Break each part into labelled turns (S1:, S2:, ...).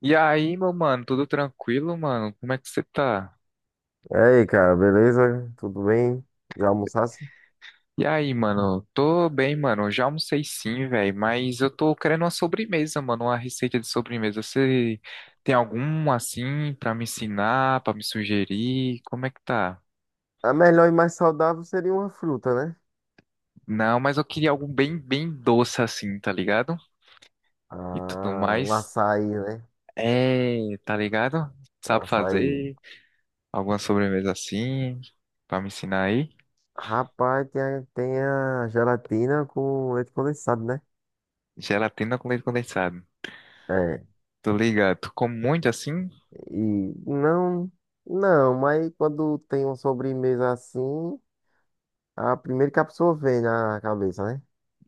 S1: E aí, meu mano, tudo tranquilo, mano? Como é que você tá?
S2: E aí, cara, beleza? Tudo bem? Já almoçasse?
S1: E aí, mano? Tô bem, mano. Já almocei sim, velho, mas eu tô querendo uma sobremesa, mano, uma receita de sobremesa. Você tem algum assim pra me ensinar, pra me sugerir? Como é que tá?
S2: A melhor e mais saudável seria uma fruta, né?
S1: Não, mas eu queria algo bem doce assim, tá ligado? E tudo
S2: Ah, um
S1: mais.
S2: açaí, né?
S1: É, tá ligado?
S2: Um
S1: Sabe
S2: açaí.
S1: fazer alguma sobremesa assim pra me ensinar aí?
S2: Rapaz, tem a gelatina com leite condensado, né?
S1: Gelatina com leite condensado.
S2: É.
S1: Tô ligado. Tu come muito assim?
S2: E não, não, Mas quando tem uma sobremesa assim, a primeira que a pessoa vem na cabeça, né?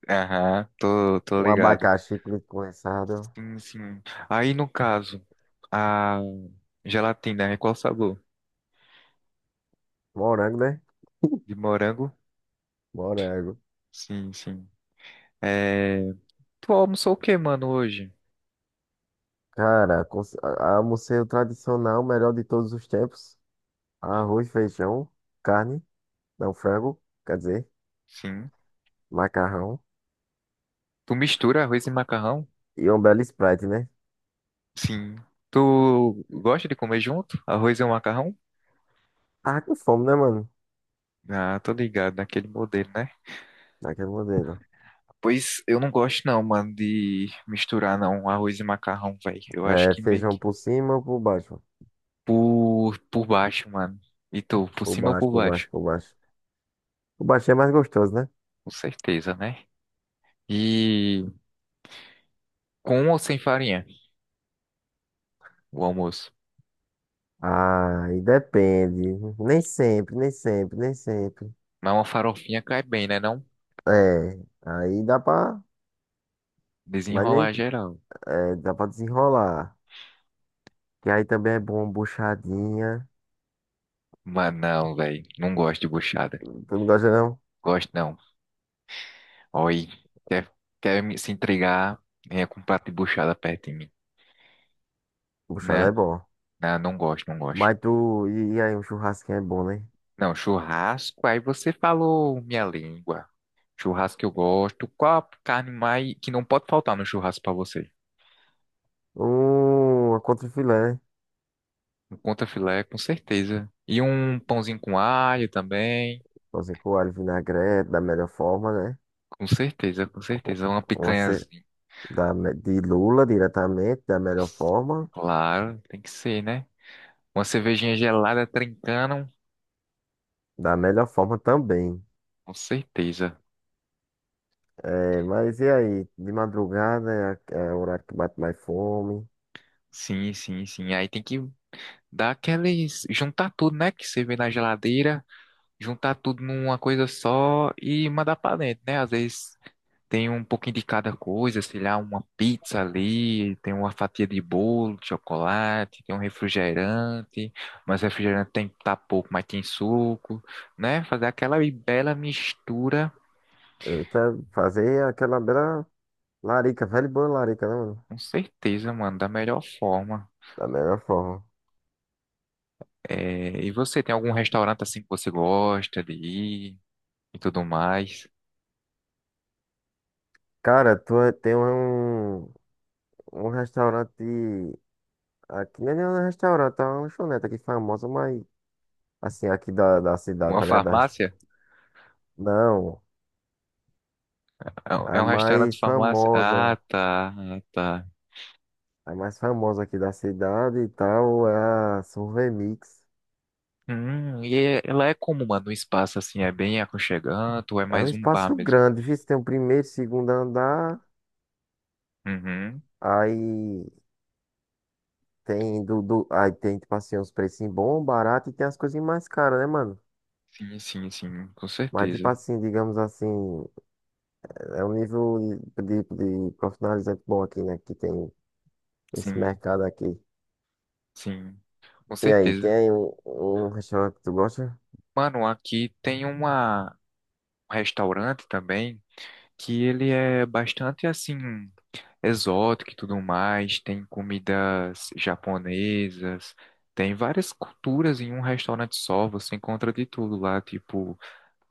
S1: Aham, tô
S2: Um
S1: ligado.
S2: abacaxi com leite condensado.
S1: Sim, sim. Aí no caso, a gelatina é qual sabor?
S2: Morango, né?
S1: De morango?
S2: Morango.
S1: Sim, sim. É... Tu almoçou o que, mano, hoje?
S2: Cara, almocei o tradicional, melhor de todos os tempos. Arroz, feijão, carne, não, frango, quer dizer,
S1: Sim.
S2: macarrão
S1: Tu mistura arroz e macarrão?
S2: e um belo Sprite, né?
S1: Sim. Tu gosta de comer junto? Arroz e um macarrão?
S2: Tava com fome, né, mano?
S1: Ah, tô ligado, naquele modelo, né?
S2: Daquele modelo.
S1: Pois eu não gosto não, mano, de misturar não arroz e macarrão, velho. Eu acho
S2: É,
S1: que meio
S2: feijão
S1: que
S2: por cima ou por baixo?
S1: por baixo, mano. E tu, por
S2: Por
S1: cima ou
S2: baixo,
S1: por
S2: por
S1: baixo?
S2: baixo, por baixo. Por baixo é mais gostoso, né?
S1: Com certeza, né? E com ou sem farinha, o almoço?
S2: Ah, e depende. Nem sempre, nem sempre, nem sempre.
S1: Mas uma farofinha cai bem, né? Não
S2: É, aí dá pra. Mas nem.
S1: desenrolar geral.
S2: É, dá pra desenrolar. Que aí também é bom, buchadinha.
S1: Mas não, velho. Não gosto de buchada.
S2: Tu não gosta, não?
S1: Gosto não. Oi. Quer, quer se entregar? Venha com um prato de buchada perto de mim.
S2: Buchada
S1: Né?
S2: é bom.
S1: Não, não gosto.
S2: Mas tu. E aí, um churrasquinho é bom, né?
S1: Não, churrasco, aí você falou minha língua. Churrasco que eu gosto. Qual a carne mais que não pode faltar no churrasco pra você?
S2: Uma contra filé.
S1: Um contra filé, com certeza. E um pãozinho com alho também.
S2: Fazer com alho e vinagrete da melhor forma, né?
S1: Com certeza. Uma
S2: Uma ce-
S1: picanhazinha.
S2: da, me- De lula diretamente, da melhor
S1: Nossa,
S2: forma.
S1: claro, tem que ser, né? Uma cervejinha gelada trincando,
S2: Da melhor forma também.
S1: com certeza.
S2: É, mas e aí? De madrugada é o horário que bate mais fome.
S1: Sim. Aí tem que dar aqueles. Juntar tudo, né? Que você vê na geladeira, juntar tudo numa coisa só e mandar pra dentro, né? Às vezes. Tem um pouquinho de cada coisa, sei lá, uma pizza ali, tem uma fatia de bolo, de chocolate, tem um refrigerante, mas refrigerante tem tá pouco, mas tem suco, né? Fazer aquela bela mistura,
S2: Eita, fazer aquela bela larica, velho e boa larica, né, mano?
S1: com certeza, mano, da melhor forma.
S2: Da melhor forma.
S1: É, e você tem algum restaurante assim que você gosta de ir e tudo mais?
S2: Cara, tem um restaurante aqui, não é nem um restaurante, é uma lanchonete aqui famosa, mas assim, aqui da cidade,
S1: Uma
S2: tá ligado? Das...
S1: farmácia?
S2: Não,
S1: É um
S2: a
S1: é um restaurante
S2: mais
S1: farmácia?
S2: famosa,
S1: Tá, ah, tá.
S2: a mais famosa aqui da cidade e tal é a Survey Mix.
S1: Ela é como, mano, um espaço assim, é bem aconchegante, ou é
S2: É um
S1: mais um bar
S2: espaço
S1: mesmo?
S2: grande, viu? Tem o primeiro, segundo andar,
S1: Uhum.
S2: aí aí tem, tipo assim, uns precinhos bons, barato e tem as coisinhas mais caras, né, mano?
S1: Sim, com
S2: Mas, tipo
S1: certeza.
S2: assim, digamos assim, é um nível de, de, de profissionalizante bom aqui, né? Que tem esse
S1: Sim,
S2: mercado aqui.
S1: sim, com
S2: E aí,
S1: certeza.
S2: tem um restaurante que tu gosta?
S1: Mano, aqui tem um restaurante também que ele é bastante assim exótico e tudo mais, tem comidas japonesas, tem várias culturas em um restaurante só, você encontra de tudo lá, tipo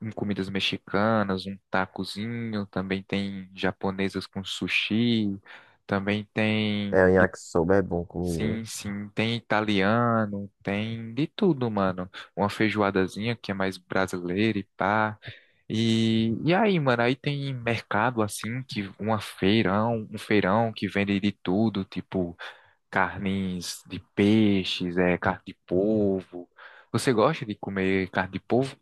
S1: um comidas mexicanas, um tacozinho, também tem japonesas com sushi, também tem,
S2: É, o
S1: e-
S2: yakisoba é bom
S1: sim,
S2: comigo.
S1: sim, tem italiano, tem de tudo, mano. Uma feijoadazinha que é mais brasileira e pá. E, aí, mano, aí tem mercado assim, que uma feirão, um feirão que vende de tudo, tipo carnes de peixes, é, carne de polvo. Você gosta de comer carne de polvo?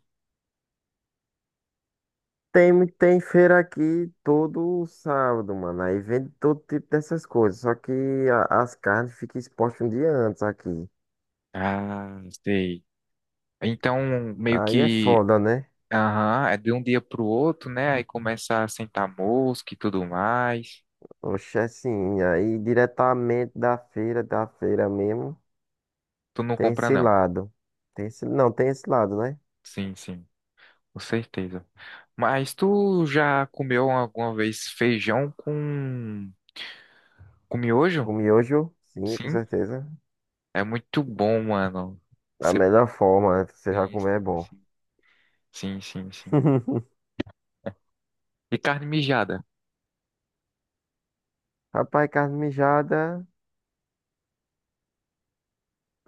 S2: Tem, tem feira aqui todo sábado, mano. Aí vende todo tipo dessas coisas. Só que as carnes ficam expostas um dia antes aqui.
S1: Ah, sei. Então,
S2: Aí é foda, né?
S1: aham, é de um dia pro outro, né? Aí começa a sentar mosca e tudo mais.
S2: Oxe, é assim. Aí diretamente da feira mesmo,
S1: Tu não
S2: tem
S1: compra,
S2: esse
S1: não.
S2: lado. Tem esse, não, Tem esse lado, né?
S1: Sim, com certeza. Mas tu já comeu alguma vez feijão com miojo?
S2: O miojo, sim, com
S1: Sim,
S2: certeza.
S1: é muito bom, mano.
S2: Da
S1: Você...
S2: melhor forma, né? Você já
S1: Sim,
S2: comer é
S1: sim,
S2: bom.
S1: sim. Sim. E carne mijada?
S2: Rapaz, carne mijada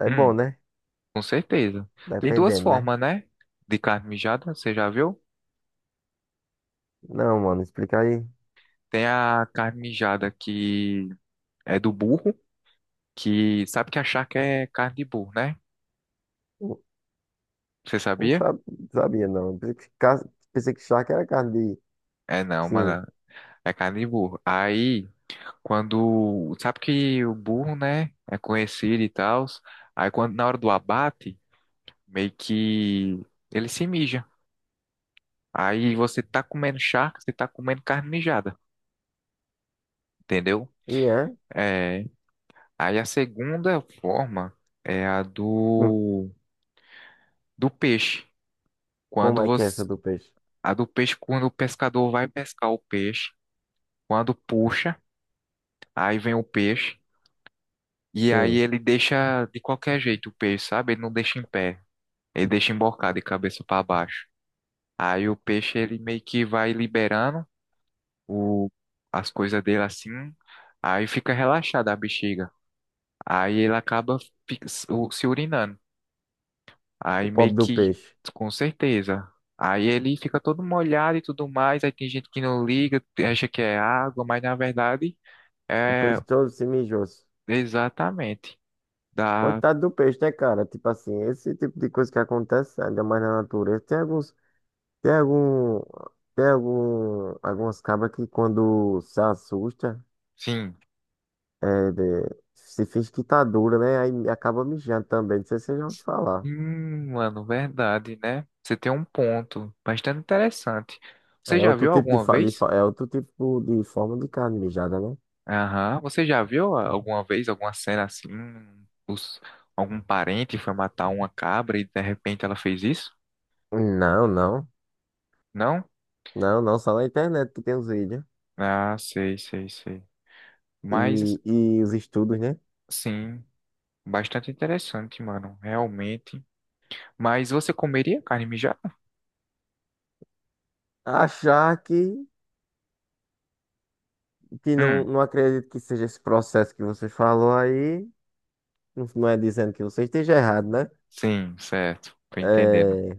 S2: é bom,
S1: Hum,
S2: né?
S1: com certeza. Tem duas
S2: Dependendo, né?
S1: formas, né? De carne mijada, você já viu?
S2: Não, mano, explica aí.
S1: Tem a carne mijada que é do burro. Que sabe que a charca é carne de burro, né?
S2: Não,
S1: Você
S2: não
S1: sabia?
S2: sabe- sabia, não. Pensei que, pensei que charque era carne de.
S1: É não,
S2: Sim.
S1: mano, é carne de burro. Aí, quando sabe que o burro, né, é conhecido e tal, aí quando na hora do abate, meio que ele se mija. Aí você tá comendo charque, você tá comendo carne mijada, entendeu?
S2: E é?
S1: É, aí a segunda forma é a
S2: Hum.
S1: do peixe.
S2: Como
S1: Quando
S2: é que é essa
S1: você
S2: do peixe?
S1: a do peixe quando o pescador vai pescar o peixe, quando puxa, aí vem o peixe. E aí
S2: Sim.
S1: ele deixa de qualquer jeito o peixe, sabe? Ele não deixa em pé. Ele deixa embocado de cabeça para baixo. Aí o peixe ele meio que vai liberando o, as coisas dele assim. Aí fica relaxada a bexiga. Aí ele acaba fi- se o- se urinando.
S2: O
S1: Aí meio
S2: pobre do
S1: que,
S2: peixe.
S1: com certeza. Aí ele fica todo molhado e tudo mais. Aí tem gente que não liga, acha que é água, mas na verdade
S2: O
S1: é
S2: peixe todo se mijou.
S1: exatamente. Dá,
S2: Coitado do peixe, né, cara? Tipo assim, esse tipo de coisa que acontece, ainda mais na natureza. Tem alguns. Tem algum. Tem algum. Algumas cabras que quando se assusta,
S1: sim.
S2: é, se finge que tá dura, né? Aí acaba mijando também. Não sei se vocês já ouviram falar.
S1: Mano, verdade, né? Você tem um ponto bastante interessante.
S2: É
S1: Você já
S2: outro
S1: viu
S2: tipo de,
S1: alguma vez?
S2: é outro tipo de forma de carne mijada, né?
S1: Aham. Você já viu alguma vez alguma cena assim? Os, algum parente foi matar uma cabra e de repente ela fez isso?
S2: Não, não.
S1: Não?
S2: Não, não, só na internet que tem os vídeos.
S1: Ah, sei. Mas,
S2: E, e os estudos, né?
S1: sim, bastante interessante, mano, realmente. Mas você comeria carne mijada?
S2: Achar que não,
S1: Hum,
S2: não acredito que seja esse processo que você falou aí, não, não é dizendo que você esteja errado, né?
S1: sim, certo. Tô entendendo.
S2: É,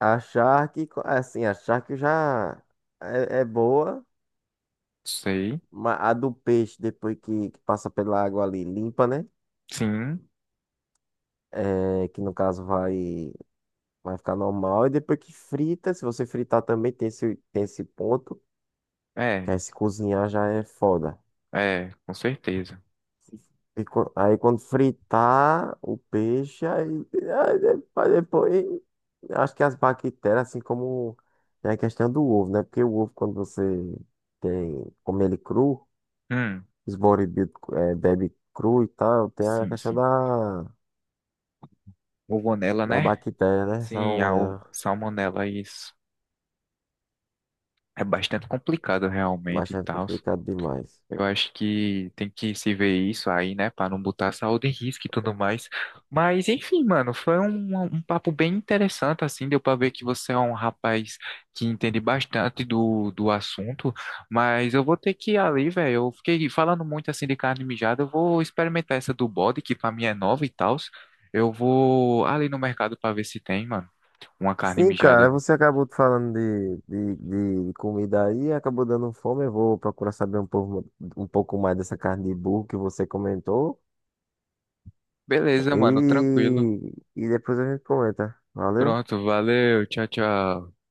S2: achar que, assim, achar que já é, é boa,
S1: Sei.
S2: mas a do peixe, depois que passa pela água ali, limpa, né?
S1: Sim.
S2: É, que no caso vai. Vai ficar normal. E depois que frita, se você fritar também tem esse ponto, que
S1: É,
S2: aí se cozinhar já é foda.
S1: é, com certeza.
S2: Aí quando fritar o peixe, aí, aí depois, acho que as bactérias, assim como tem a questão do ovo, né? Porque o ovo, quando você tem, come ele cru,
S1: Hum,
S2: os bodybuilders é, bebe cru e tal, tem a
S1: sim,
S2: questão
S1: sim.
S2: da,
S1: Rogonela,
S2: da
S1: né?
S2: bactéria, né? Essa
S1: Sim,
S2: São, né?
S1: salmonela, isso. É bastante complicado realmente e
S2: Bastante
S1: tal.
S2: complicado demais.
S1: Eu acho que tem que se ver isso aí, né, para não botar a saúde em risco e tudo mais. Mas enfim, mano, foi um papo bem interessante, assim, deu para ver que você é um rapaz que entende bastante do assunto. Mas eu vou ter que ir ali, velho. Eu fiquei falando muito assim de carne mijada, eu vou experimentar essa do bode, que para mim é nova e tal. Eu vou ali no mercado para ver se tem, mano, uma carne
S2: Sim, cara,
S1: mijada.
S2: você acabou falando de comida aí, acabou dando fome. Eu vou procurar saber um pouco mais dessa carne de burro que você comentou.
S1: Beleza, mano, tranquilo.
S2: E depois a gente comenta. Valeu?
S1: Pronto, valeu, tchau, tchau.